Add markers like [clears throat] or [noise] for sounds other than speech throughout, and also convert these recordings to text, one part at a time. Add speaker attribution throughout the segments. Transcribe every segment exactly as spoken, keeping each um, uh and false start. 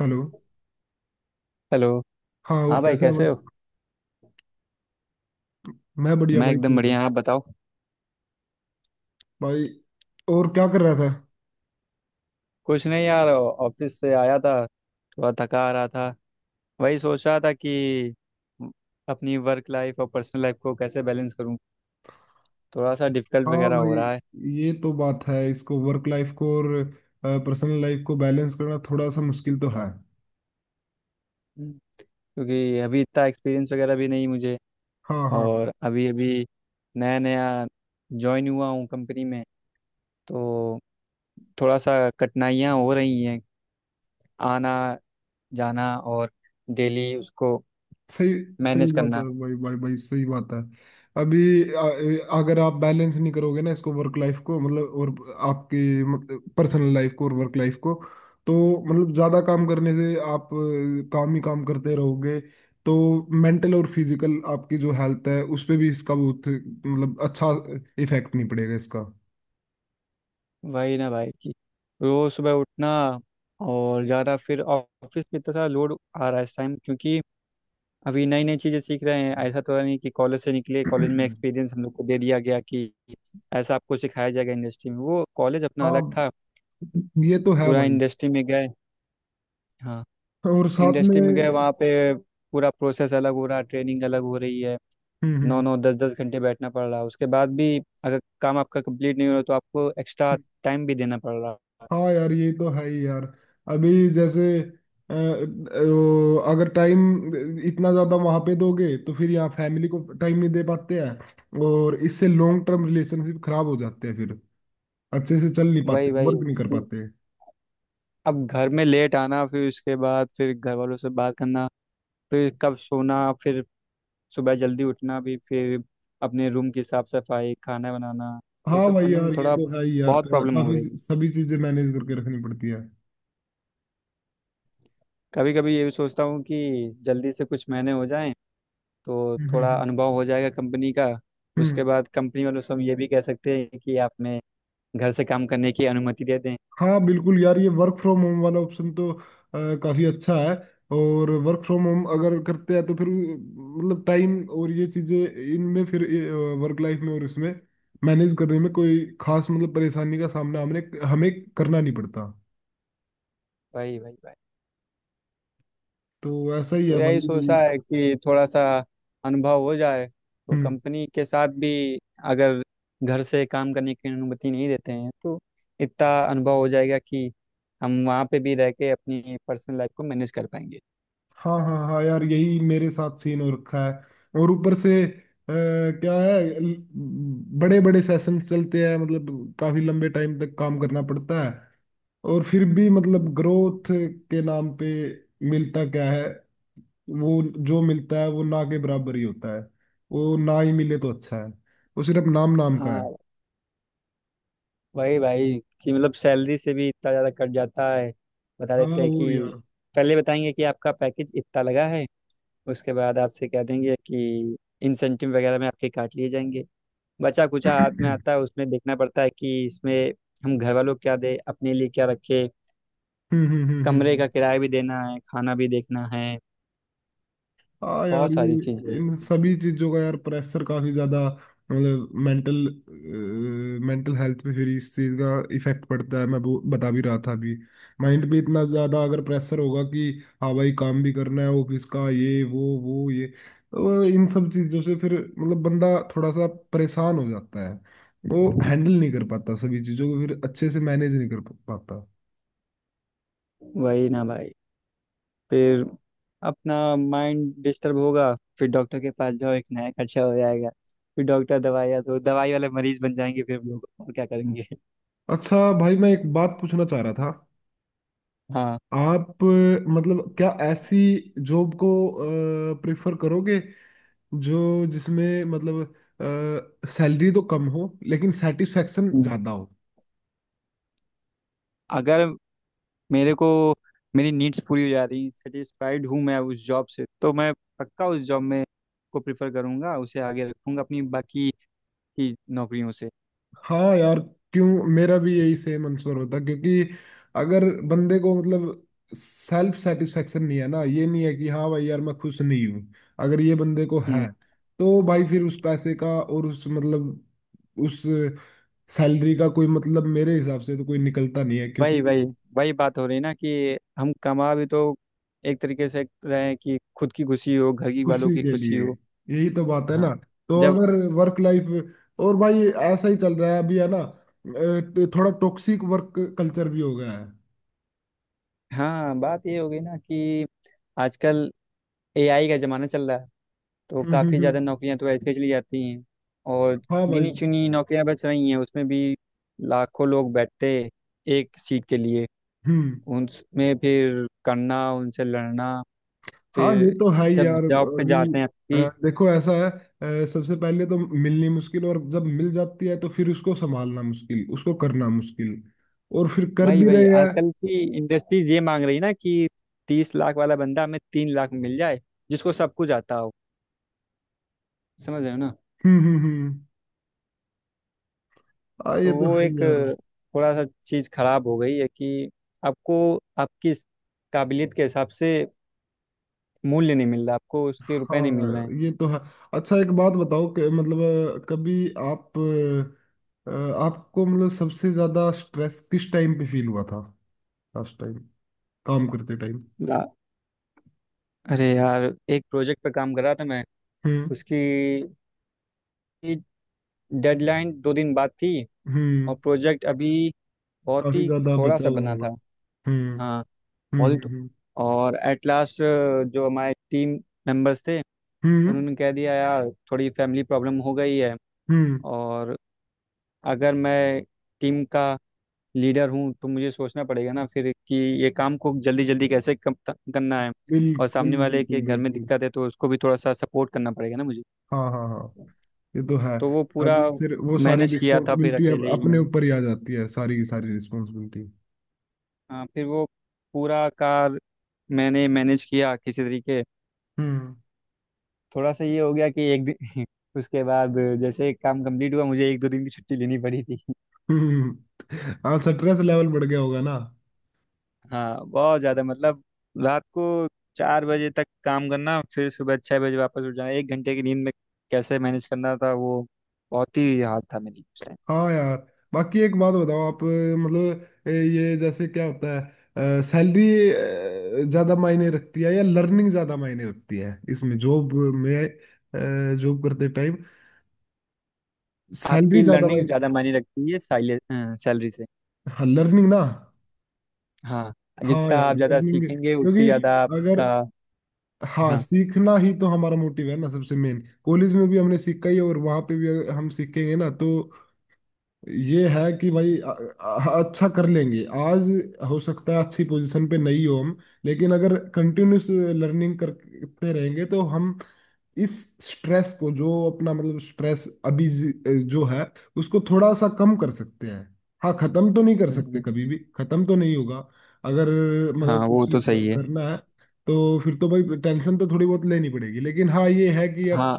Speaker 1: Hello.
Speaker 2: Hello.
Speaker 1: हाँ और
Speaker 2: हाँ भाई,
Speaker 1: कैसा है भाई।
Speaker 2: कैसे हो?
Speaker 1: मैं बढ़िया
Speaker 2: मैं
Speaker 1: भाई
Speaker 2: एकदम
Speaker 1: तू बता।
Speaker 2: बढ़िया, आप बताओ।
Speaker 1: भाई और क्या कर रहा था।
Speaker 2: कुछ नहीं यार, ऑफिस से आया था, थोड़ा थका आ रहा था। वही सोच रहा था कि अपनी वर्क लाइफ और पर्सनल लाइफ को कैसे बैलेंस करूँ। थोड़ा सा डिफिकल्ट
Speaker 1: हाँ
Speaker 2: वगैरह
Speaker 1: भाई
Speaker 2: हो रहा है।
Speaker 1: ये तो बात है, इसको वर्क लाइफ को और पर्सनल लाइफ को बैलेंस करना थोड़ा सा मुश्किल तो है।
Speaker 2: हम्म। क्योंकि अभी इतना एक्सपीरियंस वगैरह भी नहीं मुझे।
Speaker 1: हाँ हाँ
Speaker 2: और अभी अभी नया नया ज्वाइन हुआ हूँ कंपनी में, तो थोड़ा सा कठिनाइयाँ हो रही हैं। आना, जाना और डेली उसको
Speaker 1: सही। सही
Speaker 2: मैनेज
Speaker 1: बात है
Speaker 2: करना।
Speaker 1: भाई, भाई भाई सही बात है। अभी अ- अगर आप बैलेंस नहीं करोगे ना इसको, वर्क लाइफ को मतलब, और आपकी मतलब पर्सनल लाइफ को और वर्क लाइफ को, तो मतलब ज्यादा काम करने से आप अ, काम ही काम करते रहोगे तो मेंटल और फिजिकल आपकी जो हेल्थ है उस पे भी इसका बहुत मतलब अच्छा इफेक्ट नहीं पड़ेगा इसका।
Speaker 2: वही ना भाई कि रोज सुबह उठना, और ज़्यादा फिर ऑफिस पे इतना सारा लोड आ रहा है इस टाइम, क्योंकि अभी नई नई चीज़ें सीख रहे हैं। ऐसा तो है नहीं कि कॉलेज से निकले, कॉलेज में
Speaker 1: [clears throat]
Speaker 2: एक्सपीरियंस हम लोग को दे दिया गया कि ऐसा आपको सिखाया जाएगा इंडस्ट्री में। वो कॉलेज अपना
Speaker 1: हाँ
Speaker 2: अलग था,
Speaker 1: ये तो है
Speaker 2: पूरा
Speaker 1: भाई।
Speaker 2: इंडस्ट्री में गए। हाँ,
Speaker 1: और साथ में।
Speaker 2: इंडस्ट्री में गए,
Speaker 1: हम्म
Speaker 2: वहाँ पे पूरा प्रोसेस अलग हो रहा है, ट्रेनिंग अलग हो रही है।
Speaker 1: हम्म
Speaker 2: नौ
Speaker 1: हम्म।
Speaker 2: नौ दस दस घंटे बैठना पड़ रहा है, उसके बाद भी अगर काम आपका कंप्लीट नहीं हो रहा तो आपको एक्स्ट्रा टाइम भी देना पड़ रहा है।
Speaker 1: हाँ यार ये तो है ही यार। अभी जैसे अ, वो अगर टाइम इतना ज़्यादा वहाँ पे दोगे तो फिर यहाँ फैमिली को टाइम नहीं दे पाते हैं और इससे लॉन्ग टर्म रिलेशनशिप खराब हो जाते हैं फिर, अच्छे से चल नहीं
Speaker 2: वही
Speaker 1: पाते,
Speaker 2: वही।
Speaker 1: वर्क नहीं कर पाते।
Speaker 2: अब घर में लेट आना, फिर उसके बाद फिर घर वालों से बात करना, फिर कब सोना, फिर सुबह जल्दी उठना भी, फिर अपने रूम की साफ सफाई, खाना बनाना। वो
Speaker 1: हाँ
Speaker 2: सब
Speaker 1: भाई
Speaker 2: करने में
Speaker 1: यार ये
Speaker 2: थोड़ा
Speaker 1: तो है ही यार,
Speaker 2: बहुत प्रॉब्लम हो
Speaker 1: काफ़ी
Speaker 2: रही है।
Speaker 1: सभी चीज़ें मैनेज करके रखनी पड़ती है।
Speaker 2: कभी कभी ये भी सोचता हूँ कि जल्दी से कुछ महीने हो जाएं तो
Speaker 1: हम्म
Speaker 2: थोड़ा
Speaker 1: हम्म
Speaker 2: अनुभव हो जाएगा कंपनी का।
Speaker 1: हम्म।
Speaker 2: उसके बाद कंपनी वालों से हम ये भी कह सकते हैं कि आप में घर से काम करने की अनुमति दे दें।
Speaker 1: हाँ बिल्कुल यार ये वर्क फ्रॉम होम वाला ऑप्शन तो अ, काफी अच्छा है। और वर्क फ्रॉम होम अगर करते हैं तो फिर वो, मतलब टाइम और ये चीजें इनमें फिर वर्क लाइफ में और इसमें मैनेज करने में कोई खास मतलब परेशानी का सामना हमने हमें करना नहीं पड़ता।
Speaker 2: भाई भाई भाई।
Speaker 1: तो ऐसा ही
Speaker 2: तो
Speaker 1: है भाई
Speaker 2: यही
Speaker 1: यही।
Speaker 2: सोचा है कि थोड़ा सा अनुभव हो जाए तो
Speaker 1: हम्म।
Speaker 2: कंपनी के साथ भी, अगर घर से काम करने की अनुमति नहीं देते हैं तो इतना अनुभव हो जाएगा कि हम वहाँ पे भी रह के अपनी पर्सनल लाइफ को मैनेज कर पाएंगे।
Speaker 1: हाँ हाँ हाँ यार यही मेरे साथ सीन हो रखा है। और ऊपर से अ, क्या है, बड़े बड़े सेशंस चलते हैं मतलब काफी लंबे टाइम तक काम करना पड़ता है। और फिर भी मतलब ग्रोथ के नाम पे मिलता क्या है? वो जो मिलता है वो ना के बराबर ही होता है। वो ना ही मिले तो अच्छा है। वो सिर्फ नाम नाम का है।
Speaker 2: हाँ, वही भाई कि मतलब सैलरी से भी इतना ज़्यादा कट जाता है। बता
Speaker 1: हाँ
Speaker 2: देते हैं
Speaker 1: और
Speaker 2: कि
Speaker 1: यार।
Speaker 2: पहले बताएंगे कि आपका पैकेज इतना लगा है, उसके बाद आपसे कह देंगे कि इंसेंटिव वगैरह में आपके काट लिए जाएंगे। बचा कुचा हाथ में
Speaker 1: [clears throat]
Speaker 2: आता है, उसमें देखना पड़ता है कि इसमें हम घर वालों को क्या दे, अपने लिए क्या रखे।
Speaker 1: हम्म हम्म हम्म
Speaker 2: कमरे
Speaker 1: हम्म।
Speaker 2: का किराया भी देना है, खाना भी देखना है,
Speaker 1: हाँ
Speaker 2: बहुत
Speaker 1: यार
Speaker 2: सारी
Speaker 1: ये
Speaker 2: चीजें।
Speaker 1: इन सभी चीजों का यार प्रेशर काफी ज्यादा मतलब मेंटल, मेंटल हेल्थ पे फिर इस चीज का इफेक्ट पड़ता है। मैं वो बता भी रहा था अभी, माइंड पे इतना ज्यादा अगर प्रेशर होगा कि हाँ भाई काम भी करना है ऑफिस का, ये वो वो ये, तो इन सब चीजों से फिर मतलब बंदा थोड़ा सा परेशान हो जाता है, वो हैंडल नहीं कर पाता, सभी चीजों को फिर अच्छे से मैनेज नहीं कर पाता।
Speaker 2: वही ना भाई, फिर अपना माइंड डिस्टर्ब होगा, फिर डॉक्टर के पास जाओ, एक नया खर्चा हो जाएगा। फिर डॉक्टर दवाइयाँ, तो दवाई वाले मरीज बन जाएंगे फिर लोग, और क्या करेंगे।
Speaker 1: अच्छा भाई मैं एक बात पूछना चाह रहा था।
Speaker 2: हाँ।
Speaker 1: आप अ, मतलब क्या ऐसी जॉब को प्रेफर करोगे जो, जिसमें मतलब सैलरी तो कम हो लेकिन सेटिस्फेक्शन ज्यादा हो?
Speaker 2: अगर मेरे को मेरी नीड्स पूरी हो जा रही, सेटिस्फाइड हूँ मैं उस जॉब से, तो मैं पक्का उस जॉब में को प्रिफर करूँगा, उसे आगे रखूँगा अपनी बाकी की नौकरियों से।
Speaker 1: हाँ यार क्यों, मेरा भी यही सेम आंसर होता, क्योंकि अगर बंदे को मतलब सेल्फ सेटिस्फेक्शन नहीं है ना, ये नहीं है कि हाँ भाई यार मैं खुश नहीं हूँ, अगर ये बंदे को है
Speaker 2: हम्म।
Speaker 1: तो भाई फिर उस पैसे का और उस मतलब उस सैलरी का कोई मतलब मेरे हिसाब से तो कोई निकलता नहीं है क्योंकि
Speaker 2: वही वही। वही बात हो रही ना कि हम कमा भी तो एक तरीके से रहे हैं कि खुद की खुशी हो, घर की वालों
Speaker 1: खुशी
Speaker 2: की
Speaker 1: के
Speaker 2: खुशी
Speaker 1: लिए,
Speaker 2: हो।
Speaker 1: यही तो बात है
Speaker 2: हाँ।
Speaker 1: ना। तो
Speaker 2: जब।
Speaker 1: अगर वर्क लाइफ और भाई ऐसा ही चल रहा है अभी है ना, अ, थोड़ा टॉक्सिक वर्क कल्चर भी हो गया है।
Speaker 2: हाँ, बात ये हो गई ना कि आजकल ए आई का ज़माना चल रहा है,
Speaker 1: [laughs]
Speaker 2: तो
Speaker 1: हम्म, हम्म,
Speaker 2: काफ़ी ज़्यादा
Speaker 1: हम्म।
Speaker 2: नौकरियां तो ऐसे चली जाती हैं, और
Speaker 1: हाँ
Speaker 2: गिनी
Speaker 1: भाई।
Speaker 2: चुनी नौकरियां बच रही हैं। उसमें भी लाखों लोग बैठते एक सीट के लिए,
Speaker 1: हम्म।
Speaker 2: उनमें फिर करना, उनसे लड़ना,
Speaker 1: हाँ ये
Speaker 2: फिर
Speaker 1: तो है ही
Speaker 2: जब
Speaker 1: यार।
Speaker 2: जॉब पे
Speaker 1: अभी
Speaker 2: जाते हैं आपकी।
Speaker 1: अ, देखो ऐसा है, अ, सबसे पहले तो मिलनी मुश्किल और जब मिल जाती है तो फिर उसको संभालना मुश्किल, उसको करना मुश्किल, और फिर कर
Speaker 2: वही
Speaker 1: भी रहे
Speaker 2: वही,
Speaker 1: हैं।
Speaker 2: आजकल की इंडस्ट्रीज ये मांग रही है ना कि तीस लाख वाला बंदा हमें तीन लाख मिल जाए, जिसको सब कुछ आता हो। समझ रहे हो ना।
Speaker 1: हम्म हम्म हम्म। हाँ ये
Speaker 2: तो
Speaker 1: तो
Speaker 2: वो
Speaker 1: है ही
Speaker 2: एक
Speaker 1: यार।
Speaker 2: अ, थोड़ा सा चीज़ खराब हो गई है कि आपको, आपकी इस काबिलियत के हिसाब से मूल्य नहीं मिल रहा, आपको उसके रुपए नहीं मिल
Speaker 1: हाँ
Speaker 2: रहे।
Speaker 1: ये तो है। अच्छा एक बात बताओ कि मतलब अ, कभी आप अ, आपको मतलब सबसे ज्यादा स्ट्रेस किस टाइम पे फील हुआ था, लास्ट टाइम काम करते टाइम?
Speaker 2: हैं आ- अरे यार, एक प्रोजेक्ट पे काम कर रहा था मैं।
Speaker 1: हम्म।
Speaker 2: उसकी डेडलाइन दो दिन बाद थी,
Speaker 1: हम्म।
Speaker 2: और प्रोजेक्ट अभी बहुत
Speaker 1: काफी
Speaker 2: ही
Speaker 1: ज्यादा
Speaker 2: थोड़ा सा
Speaker 1: बचाव
Speaker 2: बना
Speaker 1: होगा।
Speaker 2: था।
Speaker 1: हम्म
Speaker 2: हाँ, बहुत
Speaker 1: हम्म
Speaker 2: ही। तो-
Speaker 1: हम्म
Speaker 2: और एट लास्ट, जो हमारे टीम मेंबर्स थे,
Speaker 1: हम्म। हम्म
Speaker 2: उन्होंने कह दिया यार थोड़ी फैमिली प्रॉब्लम हो गई है।
Speaker 1: हम्म।
Speaker 2: और अगर मैं टीम का लीडर हूँ तो मुझे सोचना पड़ेगा ना फिर कि ये काम को जल्दी जल्दी कैसे कम- करना है। और
Speaker 1: बिल्कुल
Speaker 2: सामने वाले के
Speaker 1: बिल्कुल
Speaker 2: घर में
Speaker 1: बिल्कुल।
Speaker 2: दिक्कत है तो उसको भी थोड़ा सा सपोर्ट करना पड़ेगा ना मुझे।
Speaker 1: हाँ हाँ हाँ ये तो है।
Speaker 2: तो वो पूरा
Speaker 1: अभी फिर वो सारी
Speaker 2: मैनेज किया था फिर
Speaker 1: रिस्पॉन्सिबिलिटी अब
Speaker 2: अकेले ही
Speaker 1: अपने
Speaker 2: मैं।
Speaker 1: ऊपर ही आ जाती है, सारी की सारी रिस्पॉन्सिबिलिटी।
Speaker 2: हाँ, फिर वो पूरा कार मैंने मैनेज किया किसी तरीके,
Speaker 1: हम्म।
Speaker 2: थोड़ा सा ये हो गया कि एक दिन [laughs] उसके बाद जैसे काम कंप्लीट हुआ, मुझे एक दो दिन की छुट्टी लेनी पड़ी थी।
Speaker 1: [laughs] हम्म। हाँ स्ट्रेस लेवल बढ़ गया होगा ना।
Speaker 2: हाँ बहुत ज्यादा, मतलब रात को चार बजे तक काम करना, फिर सुबह छह बजे वापस उठ जाना एक घंटे की नींद में। कैसे मैनेज करना था वो? बहुत ही हार्ड था मेरे लिए उस टाइम।
Speaker 1: हाँ यार। बाकी एक बात बताओ आप अ, मतलब अ, ये जैसे क्या होता है, सैलरी ज्यादा मायने रखती है या लर्निंग ज्यादा मायने रखती है इसमें जॉब में, जॉब करते टाइम? सैलरी
Speaker 2: आपकी
Speaker 1: ज्यादा
Speaker 2: लर्निंग
Speaker 1: मायने।
Speaker 2: ज्यादा मायने रखती है साइले सैलरी से।
Speaker 1: हाँ लर्निंग ना।
Speaker 2: हाँ।
Speaker 1: हाँ
Speaker 2: जितना
Speaker 1: यार
Speaker 2: आप ज्यादा
Speaker 1: लर्निंग,
Speaker 2: सीखेंगे उतनी
Speaker 1: क्योंकि
Speaker 2: ज्यादा
Speaker 1: अगर,
Speaker 2: आपका।
Speaker 1: हाँ
Speaker 2: हाँ।
Speaker 1: सीखना ही तो हमारा मोटिव है ना सबसे मेन, कॉलेज में भी हमने सीखा ही और वहां पे भी अगर हम सीखेंगे ना तो ये है कि भाई अ- अ- अच्छा कर लेंगे आज। हो सकता है अच्छी पोजीशन पे नहीं हो हम लेकिन अगर कंटिन्यूस लर्निंग करते रहेंगे तो हम इस स्ट्रेस को, जो अपना मतलब स्ट्रेस अभी जी- जो है उसको थोड़ा सा कम कर सकते हैं। हाँ खत्म तो नहीं कर सकते,
Speaker 2: हम्म,
Speaker 1: कभी भी खत्म तो नहीं होगा अगर
Speaker 2: हाँ
Speaker 1: मतलब
Speaker 2: वो
Speaker 1: कुछ
Speaker 2: तो सही
Speaker 1: क-
Speaker 2: है।
Speaker 1: करना है तो फिर तो भाई टेंशन तो थोड़ी बहुत लेनी पड़ेगी लेकिन हाँ ये है कि अब
Speaker 2: हाँ।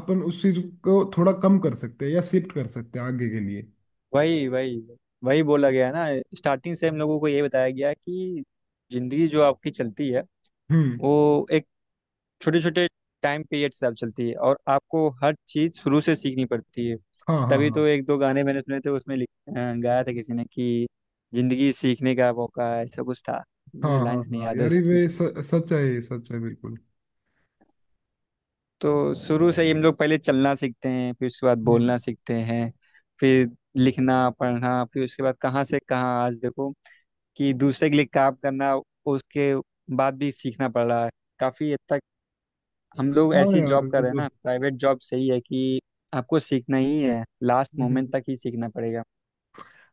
Speaker 1: अपन उस चीज को थोड़ा कम कर सकते हैं या शिफ्ट कर सकते हैं आगे के लिए।
Speaker 2: वही वही। वही बोला गया है ना, स्टार्टिंग से हम लोगों को ये बताया गया है कि जिंदगी जो आपकी चलती है,
Speaker 1: हम्म।
Speaker 2: वो एक छोटे छोटे टाइम पीरियड से आप चलती है, और आपको हर चीज़ शुरू से सीखनी पड़ती है।
Speaker 1: हाँ हाँ
Speaker 2: तभी
Speaker 1: हाँ।
Speaker 2: तो एक दो गाने मैंने सुने थे, उसमें लिख अ, गाया था किसी ने कि जिंदगी सीखने का मौका है, ऐसा कुछ था।
Speaker 1: हाँ
Speaker 2: मुझे
Speaker 1: हाँ
Speaker 2: लाइंस नहीं
Speaker 1: हाँ
Speaker 2: याद है
Speaker 1: यार
Speaker 2: उसकी।
Speaker 1: ये स- सच है, ये सच है बिल्कुल।
Speaker 2: तो शुरू से ही हम लोग पहले चलना सीखते हैं, फिर उसके बाद
Speaker 1: हम्म।
Speaker 2: बोलना सीखते हैं, फिर लिखना पढ़ना, फिर उसके बाद कहाँ से कहाँ आज देखो, कि दूसरे के लिए काम करना, उसके बाद भी सीखना पड़ रहा है। काफ़ी हद तक हम लोग
Speaker 1: हाँ
Speaker 2: ऐसी
Speaker 1: यार
Speaker 2: जॉब कर
Speaker 1: ये
Speaker 2: रहे हैं
Speaker 1: तो।
Speaker 2: ना, प्राइवेट जॉब, सही है कि आपको सीखना ही है, लास्ट
Speaker 1: हम्म,
Speaker 2: मोमेंट
Speaker 1: हम्म।
Speaker 2: तक ही सीखना पड़ेगा।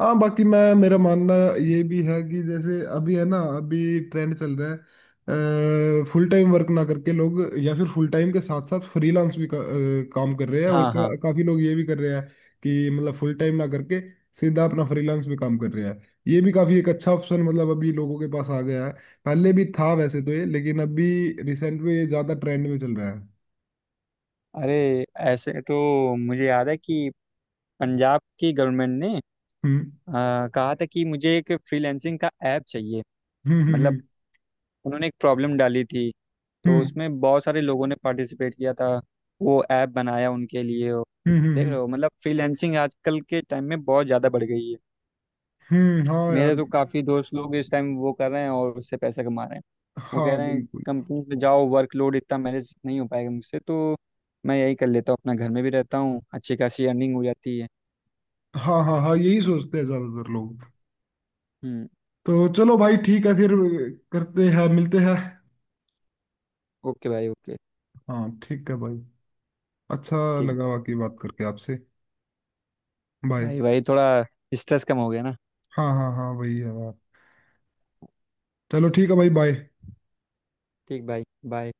Speaker 1: हाँ बाकी मैं, मेरा मानना ये भी है कि जैसे अभी है ना, अभी ट्रेंड चल रहा है फुल टाइम वर्क ना करके लोग, या फिर फुल टाइम के साथ साथ फ्रीलांस भी का, अ, काम कर रहे हैं और
Speaker 2: हाँ हाँ।
Speaker 1: का, काफी लोग ये भी कर रहे हैं कि मतलब फुल टाइम ना करके सीधा अपना फ्रीलांस में काम कर रहे हैं। ये भी काफी एक अच्छा ऑप्शन मतलब अभी लोगों के पास आ गया है। पहले भी था वैसे तो ये, लेकिन अभी रिसेंट में ये ज्यादा ट्रेंड में चल रहा है।
Speaker 2: अरे, ऐसे तो मुझे याद है कि पंजाब की गवर्नमेंट ने
Speaker 1: हम्म
Speaker 2: आ, कहा था कि मुझे एक फ्रीलैंसिंग का ऐप चाहिए।
Speaker 1: हम्म
Speaker 2: मतलब
Speaker 1: हम्म
Speaker 2: उन्होंने एक प्रॉब्लम डाली थी, तो
Speaker 1: हम्म।
Speaker 2: उसमें बहुत सारे लोगों ने पार्टिसिपेट किया था, वो ऐप बनाया उनके लिए।
Speaker 1: हम्म हम्म हम्म
Speaker 2: देख
Speaker 1: हम्म,
Speaker 2: रहे
Speaker 1: हम्म,
Speaker 2: हो, मतलब फ्रीलैंसिंग आजकल के टाइम में बहुत ज़्यादा बढ़ गई है।
Speaker 1: हम्म, हम्म। हाँ यार।
Speaker 2: मेरे तो काफ़ी दोस्त लोग इस टाइम वो कर रहे हैं, और उससे पैसा कमा रहे हैं। वो कह
Speaker 1: हाँ
Speaker 2: रहे हैं
Speaker 1: बिल्कुल।
Speaker 2: कंपनी में जाओ, वर्कलोड इतना मैनेज नहीं हो पाएगा मुझसे, तो मैं यही कर लेता हूँ, अपना घर में भी रहता हूँ, अच्छी खासी अर्निंग हो जाती है।
Speaker 1: हाँ हाँ हाँ यही सोचते हैं ज्यादातर लोग।
Speaker 2: हम्म।
Speaker 1: तो चलो भाई ठीक है फिर, करते हैं मिलते हैं।
Speaker 2: ओके भाई, ओके।
Speaker 1: हाँ ठीक है भाई। अच्छा
Speaker 2: ठीक।
Speaker 1: लगा बाकी बात करके आपसे। बाय।
Speaker 2: भाई भाई, थोड़ा स्ट्रेस कम हो गया ना।
Speaker 1: हाँ हाँ हाँ वही है बात। चलो ठीक है भाई, बाय।
Speaker 2: ठीक भाई। बाय।